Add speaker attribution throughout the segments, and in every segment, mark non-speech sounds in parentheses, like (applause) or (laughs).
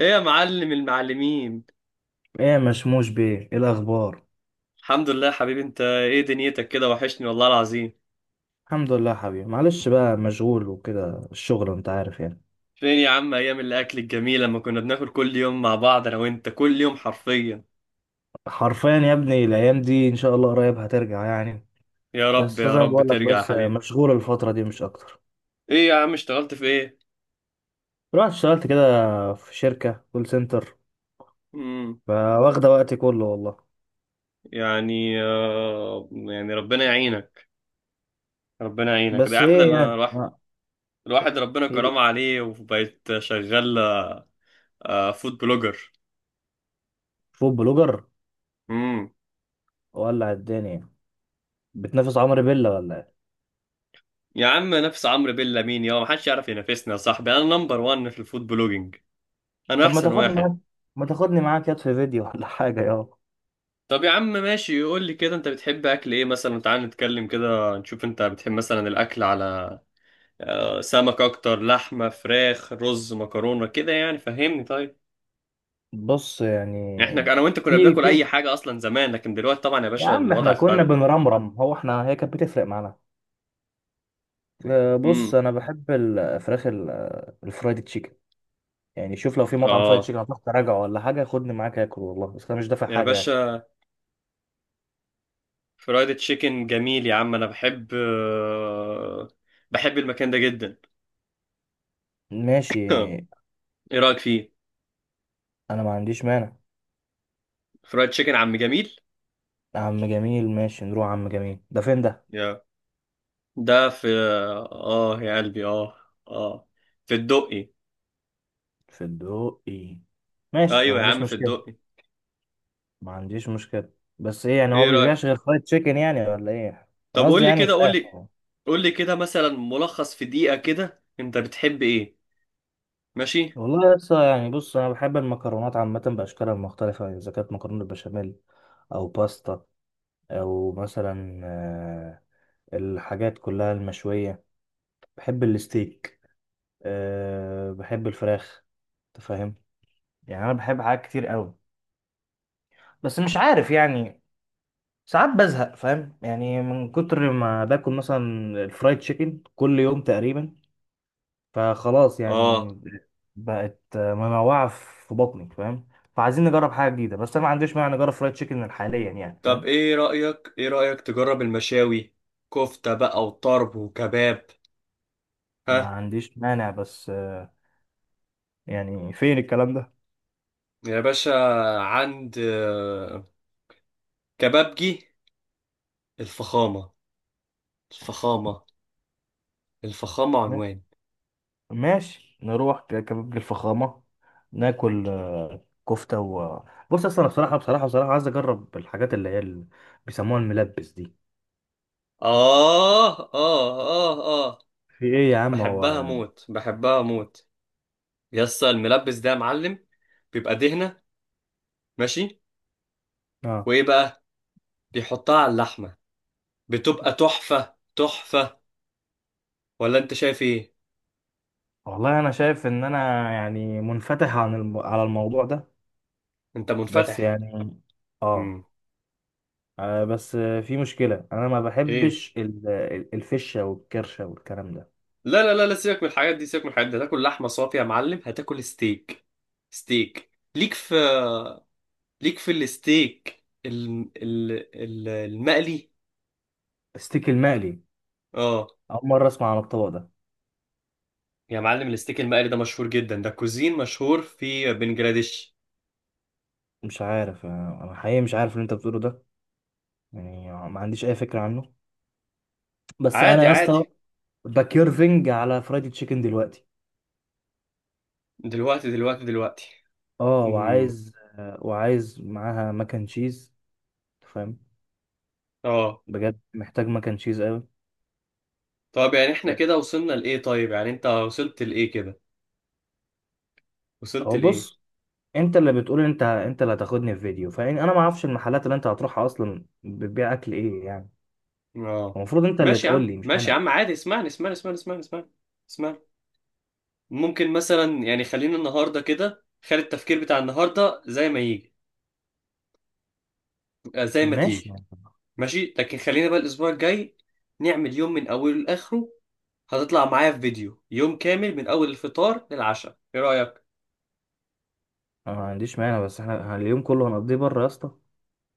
Speaker 1: ايه يا معلم المعلمين.
Speaker 2: ايه يا مشموش بيه، ايه الاخبار؟
Speaker 1: الحمد لله يا حبيبي، انت ايه دنيتك كده؟ وحشني والله العظيم.
Speaker 2: الحمد لله يا حبيبي، معلش بقى مشغول وكده الشغل انت عارف يعني.
Speaker 1: فين يا عم ايام الاكل الجميل لما كنا بناكل كل يوم مع بعض انا وانت كل يوم حرفيا؟
Speaker 2: حرفيا يا ابني، الايام دي ان شاء الله قريب هترجع يعني.
Speaker 1: يا رب
Speaker 2: بس
Speaker 1: يا
Speaker 2: زي ما
Speaker 1: رب
Speaker 2: بقول لك،
Speaker 1: ترجع يا
Speaker 2: بس
Speaker 1: حبيبي.
Speaker 2: مشغول الفتره دي مش اكتر.
Speaker 1: ايه يا عم اشتغلت في ايه؟
Speaker 2: رحت اشتغلت كده في شركه كول سنتر،
Speaker 1: امم.
Speaker 2: فواخده وقتي كله والله.
Speaker 1: يعني ربنا يعينك. ربنا يعينك، ده يا
Speaker 2: بس
Speaker 1: عم، ده
Speaker 2: ايه
Speaker 1: انا
Speaker 2: يعني
Speaker 1: الواحد الواحد ربنا
Speaker 2: إيه؟
Speaker 1: كرم عليه وبقيت شغال. فود بلوجر.
Speaker 2: فود بلوجر،
Speaker 1: امم.
Speaker 2: ولع الدنيا. بتنافس عمرو بيلا ولا ايه؟
Speaker 1: يا عم، نفس عمرو بيلا مين يا؟ ما حدش يعرف ينافسنا يا صاحبي، انا نمبر 1 في الفود بلوجينج. انا
Speaker 2: طب
Speaker 1: احسن واحد.
Speaker 2: ما تاخدني معاك يد في فيديو ولا (laughs) حاجه يا...
Speaker 1: طب يا عم ماشي، يقول لي كده انت بتحب اكل ايه مثلا، تعال نتكلم كده نشوف، انت بتحب مثلا الاكل على سمك اكتر؟ لحمه، فراخ، رز، مكرونه، كده يعني فهمني، طيب.
Speaker 2: بص يعني،
Speaker 1: احنا انا وانت كنا
Speaker 2: في
Speaker 1: بناكل اي
Speaker 2: في
Speaker 1: حاجه اصلا زمان، لكن دلوقتي طبعا يا
Speaker 2: يا
Speaker 1: باشا
Speaker 2: عم
Speaker 1: الوضع
Speaker 2: احنا كنا
Speaker 1: اختلف.
Speaker 2: بنرمرم، هو احنا هي كانت بتفرق معانا؟ بص
Speaker 1: امم.
Speaker 2: انا بحب الفراخ الفرايد تشيكن. يعني شوف، لو في مطعم فرايد
Speaker 1: اه.
Speaker 2: تشيكن هتروح تراجع ولا حاجه، خدني معاك اكل والله، بس انا مش دافع
Speaker 1: يا
Speaker 2: حاجه يعني.
Speaker 1: باشا، فرايد تشيكن جميل يا عم، انا بحب المكان ده جدا.
Speaker 2: ماشي،
Speaker 1: (laughs) ايه رايك فيه؟
Speaker 2: انا ما عنديش مانع.
Speaker 1: فرايد تشيكن عم جميل.
Speaker 2: عم جميل؟ ماشي نروح، عم جميل ده فين ده؟
Speaker 1: ده في اه يا قلبي، اه في الدقي.
Speaker 2: في الدقي؟ ماشي ما
Speaker 1: ايوه يا
Speaker 2: عنديش
Speaker 1: عم في
Speaker 2: مشكله.
Speaker 1: الدقي.
Speaker 2: ما عنديش مشكله بس ايه يعني، هو
Speaker 1: ايه رايك؟
Speaker 2: بيبيعش غير فرايد تشيكن يعني ولا ايه؟
Speaker 1: طب
Speaker 2: انا
Speaker 1: قول
Speaker 2: قصدي
Speaker 1: لي
Speaker 2: يعني
Speaker 1: كده، قول
Speaker 2: فراخ.
Speaker 1: لي، قول لي كده مثلا ملخص في دقيقه كده، انت بتحب ايه؟ ماشي.
Speaker 2: والله لسه يعني، بص انا بحب المكرونات عامه باشكالها المختلفه، يعني اذا كانت مكرونه بشاميل او باستا او مثلا الحاجات كلها المشويه، بحب الستيك، بحب الفراخ، انت فاهم؟ يعني انا بحب حاجات كتير قوي، بس مش عارف يعني، ساعات بزهق، فاهم؟ يعني من كتر ما باكل مثلا الفرايد تشيكن كل يوم تقريبا، فخلاص
Speaker 1: اه.
Speaker 2: يعني بقت منوعة في بطني، فاهم؟ فعايزين نجرب حاجة جديدة، بس أنا ما عنديش مانع نجرب فرايد تشيكن حاليا يعني،
Speaker 1: طب
Speaker 2: فاهم؟
Speaker 1: ايه رايك تجرب المشاوي؟ كفته بقى، وطرب، وكباب.
Speaker 2: ما
Speaker 1: ها؟
Speaker 2: عنديش مانع، بس يعني فين الكلام ده؟
Speaker 1: يا باشا، عند كبابجي الفخامه، الفخامه، الفخامه
Speaker 2: ما-
Speaker 1: عنوان.
Speaker 2: ماشي نروح كبابجي الفخامة، ناكل كفتة و... بص أصل أنا بصراحة بصراحة بصراحة عايز أجرب الحاجات اللي هي اللي بيسموها الملبس دي.
Speaker 1: اه، اه، اه، اه.
Speaker 2: في إيه يا عم
Speaker 1: بحبها
Speaker 2: هو؟
Speaker 1: موت، بحبها موت. يسا الملبس ده يا معلم، بيبقى دهنة. ماشي.
Speaker 2: آه.
Speaker 1: وايه بقى؟ بيحطها على اللحمة، بتبقى تحفة تحفة. ولا انت شايف ايه؟
Speaker 2: والله أنا شايف إن أنا يعني منفتح على الموضوع ده.
Speaker 1: انت
Speaker 2: بس
Speaker 1: منفتح.
Speaker 2: يعني آه.
Speaker 1: امم.
Speaker 2: بس في مشكلة أنا ما
Speaker 1: ايه؟
Speaker 2: بحبش الفشة والكرشة والكلام ده.
Speaker 1: لا، لا، لا، لا، سيبك من الحاجات دي، سيبك من الحاجات دي، هتاكل لحمة صافية يا معلم، هتاكل ستيك. ستيك ليك في ليك في الستيك المقلي.
Speaker 2: الستيك المقلي؟
Speaker 1: اه.
Speaker 2: أول مرة أسمع عن الطبق ده.
Speaker 1: يا معلم، الستيك المقلي ده مشهور جدا، ده كوزين مشهور في بنجلاديش.
Speaker 2: مش عارف، أنا حقيقي مش عارف اللي أنت بتقوله ده، يعني ما عنديش أي فكرة عنه. بس أنا
Speaker 1: عادي
Speaker 2: يا
Speaker 1: عادي.
Speaker 2: اسطى بكيرفنج على فرايدي تشيكن دلوقتي.
Speaker 1: دلوقتي، دلوقتي، دلوقتي.
Speaker 2: أه
Speaker 1: امم.
Speaker 2: وعايز. معاها مكن تشيز، فاهم؟
Speaker 1: اه.
Speaker 2: بجد محتاج مكن تشيز أوي.
Speaker 1: طب يعني احنا
Speaker 2: آه،
Speaker 1: كده وصلنا لايه؟ طيب يعني انت وصلت لايه كده؟ وصلت
Speaker 2: هو
Speaker 1: لايه؟
Speaker 2: بص، انت اللي بتقول، انت اللي هتاخدني في فيديو، فانا ما اعرفش المحلات اللي انت هتروحها اصلا بتبيع اكل ايه يعني.
Speaker 1: اه.
Speaker 2: المفروض انت اللي
Speaker 1: ماشي يا
Speaker 2: تقول
Speaker 1: عم،
Speaker 2: لي مش
Speaker 1: ماشي يا
Speaker 2: انا.
Speaker 1: عم، عادي، اسمعني اسمعني اسمعني اسمعني اسمعني اسمعني. ممكن مثلا يعني خلينا النهارده كده، خلي التفكير بتاع النهارده زي ما يجي آه، زي ما
Speaker 2: ماشي،
Speaker 1: تيجي
Speaker 2: انا
Speaker 1: ماشي، لكن خلينا بقى الاسبوع الجاي نعمل يوم من اوله لاخره. هتطلع معايا في فيديو يوم كامل من اول الفطار للعشاء، ايه رايك؟
Speaker 2: ما عنديش مانع، بس احنا اليوم كله هنقضيه بره يا اسطى،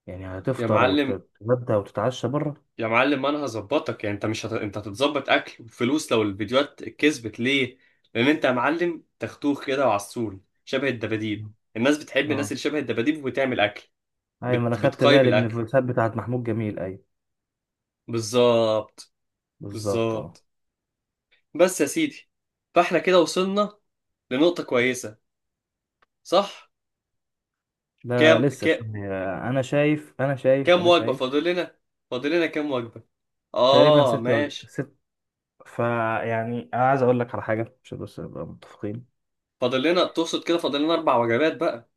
Speaker 2: يعني
Speaker 1: يا
Speaker 2: هتفطر
Speaker 1: معلم،
Speaker 2: وتتغدى وتتعشى بره؟
Speaker 1: يا معلم، انا هظبطك. يعني انت مش انت هتتظبط اكل وفلوس لو الفيديوهات كسبت ليه. لان انت يا معلم تختوخ كده وعسول شبه الدباديب، الناس بتحب الناس
Speaker 2: اه،
Speaker 1: اللي شبه الدباديب وبتعمل اكل.
Speaker 2: ايوه ما انا
Speaker 1: بت...
Speaker 2: خدت
Speaker 1: بتقيم
Speaker 2: بالي من
Speaker 1: الاكل.
Speaker 2: الفلوسات بتاعت محمود جميل، ايوه
Speaker 1: بالظبط.
Speaker 2: بالظبط، اه.
Speaker 1: بالظبط. بس يا سيدي، فاحنا كده وصلنا لنقطة كويسة، صح؟
Speaker 2: ده
Speaker 1: كام
Speaker 2: لسه
Speaker 1: ك...
Speaker 2: شويه،
Speaker 1: كام
Speaker 2: انا
Speaker 1: وجبة
Speaker 2: شايف
Speaker 1: فاضل لنا؟ فاضل لنا كام وجبة؟
Speaker 2: تقريبا
Speaker 1: اه
Speaker 2: ست وجه
Speaker 1: ماشي.
Speaker 2: ست، فيعني انا عايز اقول لك على حاجه عشان بس نبقى متفقين.
Speaker 1: فاضل لنا تقصد كده فاضل لنا اربع وجبات بقى.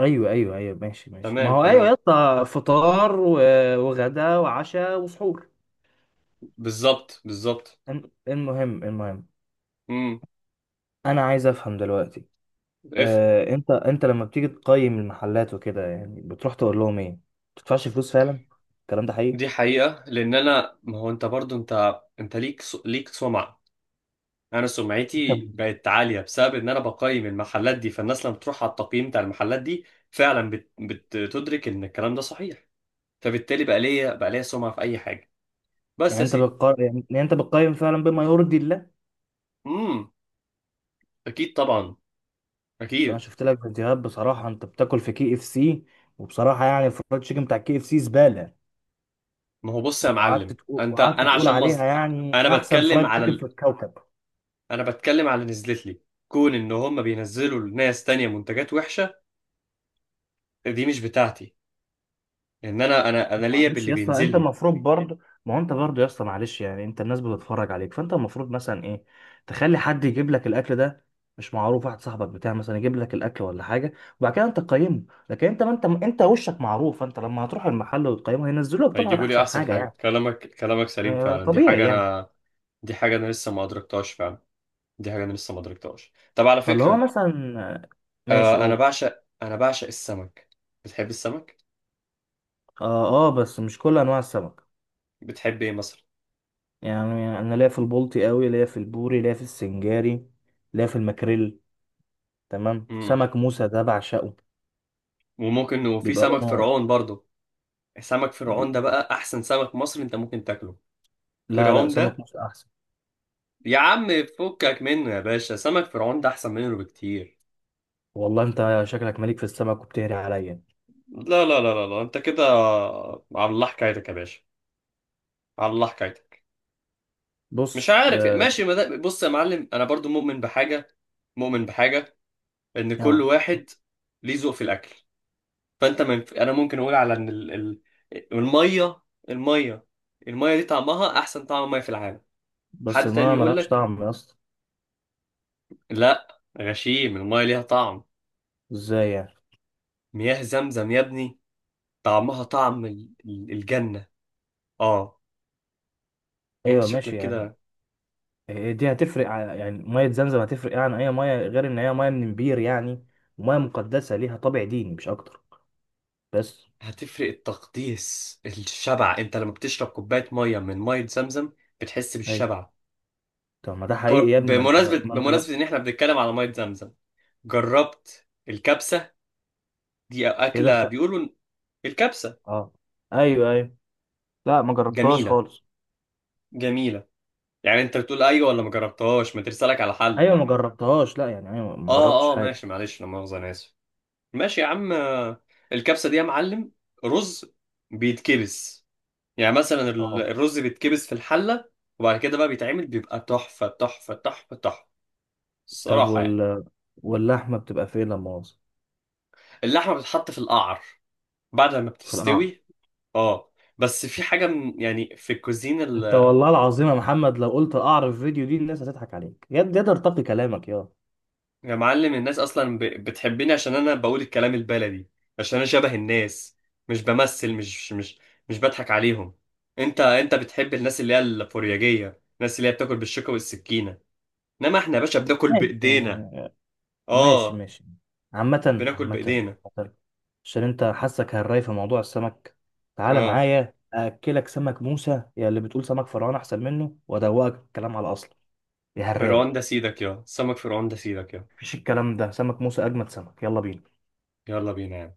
Speaker 2: ايوه ايوه ايوه، ماشي ماشي، ما
Speaker 1: تمام،
Speaker 2: هو ايوه يا
Speaker 1: تمام.
Speaker 2: اسطى، فطار وغدا وعشاء وسحور.
Speaker 1: بالظبط، بالظبط.
Speaker 2: المهم المهم، انا عايز افهم دلوقتي.
Speaker 1: اف
Speaker 2: انت لما بتيجي تقيم المحلات وكده يعني، بتروح تقول لهم ايه؟ ما بتدفعش فلوس فعلا، الكلام ده
Speaker 1: دي
Speaker 2: حقيقي؟
Speaker 1: حقيقة، لأن أنا، ما هو أنت برضو، أنت ليك سمعة. أنا
Speaker 2: شبه.
Speaker 1: سمعتي بقت عالية بسبب إن أنا بقيم المحلات دي، فالناس لما تروح على التقييم بتاع المحلات دي فعلا بتدرك إن الكلام ده صحيح. فبالتالي بقى ليا سمعة في أي حاجة. بس
Speaker 2: يعني
Speaker 1: يا
Speaker 2: انت
Speaker 1: سيدي.
Speaker 2: بتقيم فعلا بما يرضي الله؟
Speaker 1: امم. أكيد طبعا.
Speaker 2: بس انا
Speaker 1: أكيد.
Speaker 2: شفت لك فيديوهات، بصراحه انت بتاكل في كي اف سي، وبصراحه يعني الفرايد تشيكن بتاع كي اف سي زباله،
Speaker 1: ما هو بص يا معلم، أنت
Speaker 2: وقعدت
Speaker 1: أنا
Speaker 2: تقول
Speaker 1: عشان مظل...
Speaker 2: عليها يعني
Speaker 1: أنا
Speaker 2: احسن
Speaker 1: بتكلم
Speaker 2: فرايد
Speaker 1: على
Speaker 2: تشيكن في
Speaker 1: ال...
Speaker 2: الكوكب.
Speaker 1: أنا بتكلم على اللي نزلت لي. كون إن هم بينزلوا لناس تانية منتجات وحشة، دي مش بتاعتي. ان انا ليا
Speaker 2: معلش
Speaker 1: باللي
Speaker 2: يا اسطى،
Speaker 1: بينزل
Speaker 2: انت
Speaker 1: لي.
Speaker 2: المفروض برضه، ما هو انت برضه يا اسطى، معلش يعني انت الناس بتتفرج عليك، فانت المفروض مثلا ايه، تخلي حد يجيب لك الاكل ده، مش معروف واحد صاحبك بتاع مثلا يجيب لك الاكل ولا حاجه، وبعد كده انت تقيمه. لكن انت ما انت وشك معروف، فانت لما هتروح المحل وتقيمه هينزلوا لك طبعا
Speaker 1: هيجيبوا لي
Speaker 2: احسن
Speaker 1: احسن
Speaker 2: حاجه يعني.
Speaker 1: حاجه. كلامك، كلامك سليم فعلا.
Speaker 2: طبيعي يعني.
Speaker 1: دي حاجه انا لسه ما ادركتهاش فعلا. دي حاجه انا لسه ما ادركتهاش. طب على
Speaker 2: فاللي هو
Speaker 1: فكره،
Speaker 2: مثلا ماشي
Speaker 1: آه، انا
Speaker 2: قول.
Speaker 1: بعشق انا بعشق السمك. بتحب السمك؟
Speaker 2: اه اه، بس مش كل انواع السمك.
Speaker 1: بتحب ايه مثلا؟
Speaker 2: يعني انا ليا في البلطي قوي، ليا في البوري، ليا في السنجاري، ليا في الماكريل، تمام،
Speaker 1: امم.
Speaker 2: سمك موسى ده بعشقه.
Speaker 1: وممكن، وفي
Speaker 2: بيبقى
Speaker 1: سمك
Speaker 2: لونه...
Speaker 1: فرعون برضو. سمك فرعون ده بقى احسن سمك مصري انت ممكن تاكله.
Speaker 2: لا لا،
Speaker 1: فرعون
Speaker 2: سمك
Speaker 1: ده،
Speaker 2: مصر احسن.
Speaker 1: يا عم، فكك منه يا باشا، سمك فرعون ده احسن منه بكتير.
Speaker 2: والله انت شكلك مليك في السمك وبتهري عليا.
Speaker 1: لا، لا، لا، لا، لا. انت كده على الله حكايتك يا باشا، على الله حكايتك. مش
Speaker 2: بص،
Speaker 1: عارف يعني،
Speaker 2: اه.
Speaker 1: ماشي، ما ده- بص يا معلم انا برضو مؤمن بحاجه، مؤمن بحاجه ان كل
Speaker 2: آه،
Speaker 1: واحد ليه ذوق في الاكل. فانت، من انا ممكن اقول على ان الميه الميه الميه دي طعمها احسن طعم ميه في العالم.
Speaker 2: بس
Speaker 1: حد تاني
Speaker 2: الميه
Speaker 1: يقول
Speaker 2: ملهاش
Speaker 1: لك؟
Speaker 2: طعم يا اسطى.
Speaker 1: لا غشيم، الميه ليها طعم.
Speaker 2: ازاي يعني؟
Speaker 1: مياه زمزم يا ابني، طعمها طعم الجنه. اه. انت
Speaker 2: ايوه
Speaker 1: شكلك
Speaker 2: ماشي يعني،
Speaker 1: كده
Speaker 2: إيه دي هتفرق يعني ميه زمزم هتفرق يعني اي ميه، غير ان هي ميه من بير يعني، وميه مقدسه ليها طابع ديني مش اكتر بس.
Speaker 1: هتفرق التقديس الشبع، انت لما بتشرب كوبايه ميه من ميه زمزم بتحس
Speaker 2: ايوه،
Speaker 1: بالشبع.
Speaker 2: طب ما ده حقيقي
Speaker 1: جر-
Speaker 2: يا ابني، ما انت،
Speaker 1: بمناسبة
Speaker 2: ما انت لو...
Speaker 1: بمناسبة إن إحنا بنتكلم على مية زمزم، جربت الكبسة؟ دي
Speaker 2: ايه
Speaker 1: أكلة
Speaker 2: دخل؟
Speaker 1: بيقولوا إن الكبسة
Speaker 2: اه ايوه ايوه، لا ما جربتهاش
Speaker 1: جميلة،
Speaker 2: خالص.
Speaker 1: جميلة. يعني أنت بتقول أيوة ولا ما جربتهاش؟ ما ترسلك على حل.
Speaker 2: ايوه ما جربتهاش، لا يعني ايوه ما جربتش
Speaker 1: آه، آه،
Speaker 2: حاجه.
Speaker 1: ماشي، معلش، لا مؤاخذة، أنا آسف. ماشي يا عم، الكبسة دي يا معلم، رز بيتكبس. يعني مثلا
Speaker 2: اه،
Speaker 1: الرز بيتكبس في الحلة. وبعد كده بقى بيتعمل، بيبقى تحفة، تحفة، تحفة، تحفة،
Speaker 2: طب
Speaker 1: الصراحة يعني.
Speaker 2: واللحمة بتبقى فين لما مؤاخذة؟
Speaker 1: اللحمة بتتحط في القعر بعد ما
Speaker 2: في القعر.
Speaker 1: بتستوي. اه. بس في حاجة يعني في الكوزين
Speaker 2: انت والله العظيم يا محمد، لو قلت القعر في الفيديو دي الناس هتضحك عليك، يد يد ارتقي كلامك يا...
Speaker 1: يا معلم، الناس أصلا بتحبني عشان أنا بقول الكلام البلدي، عشان أنا شبه الناس، مش بمثل، مش بضحك عليهم. أنت بتحب الناس اللي هي الفورياجية، الناس اللي هي بتاكل بالشوكة والسكينة، إنما إحنا يا باشا بناكل بإيدينا.
Speaker 2: ماشي ماشي
Speaker 1: آه.
Speaker 2: ماشي. عامة
Speaker 1: بناكل
Speaker 2: عامة
Speaker 1: بإيدينا.
Speaker 2: عامة. عشان انت حاسك هالراي في موضوع السمك، تعالى
Speaker 1: آه.
Speaker 2: معايا اكلك سمك موسى يا اللي بتقول سمك فرعون احسن منه، وادوقك الكلام على اصله يا
Speaker 1: فرعون
Speaker 2: هالراي.
Speaker 1: ده سيدك يا سمك فرعون ده سيدك يا.
Speaker 2: مفيش الكلام ده، سمك موسى اجمد سمك، يلا بينا.
Speaker 1: يلا بينا يا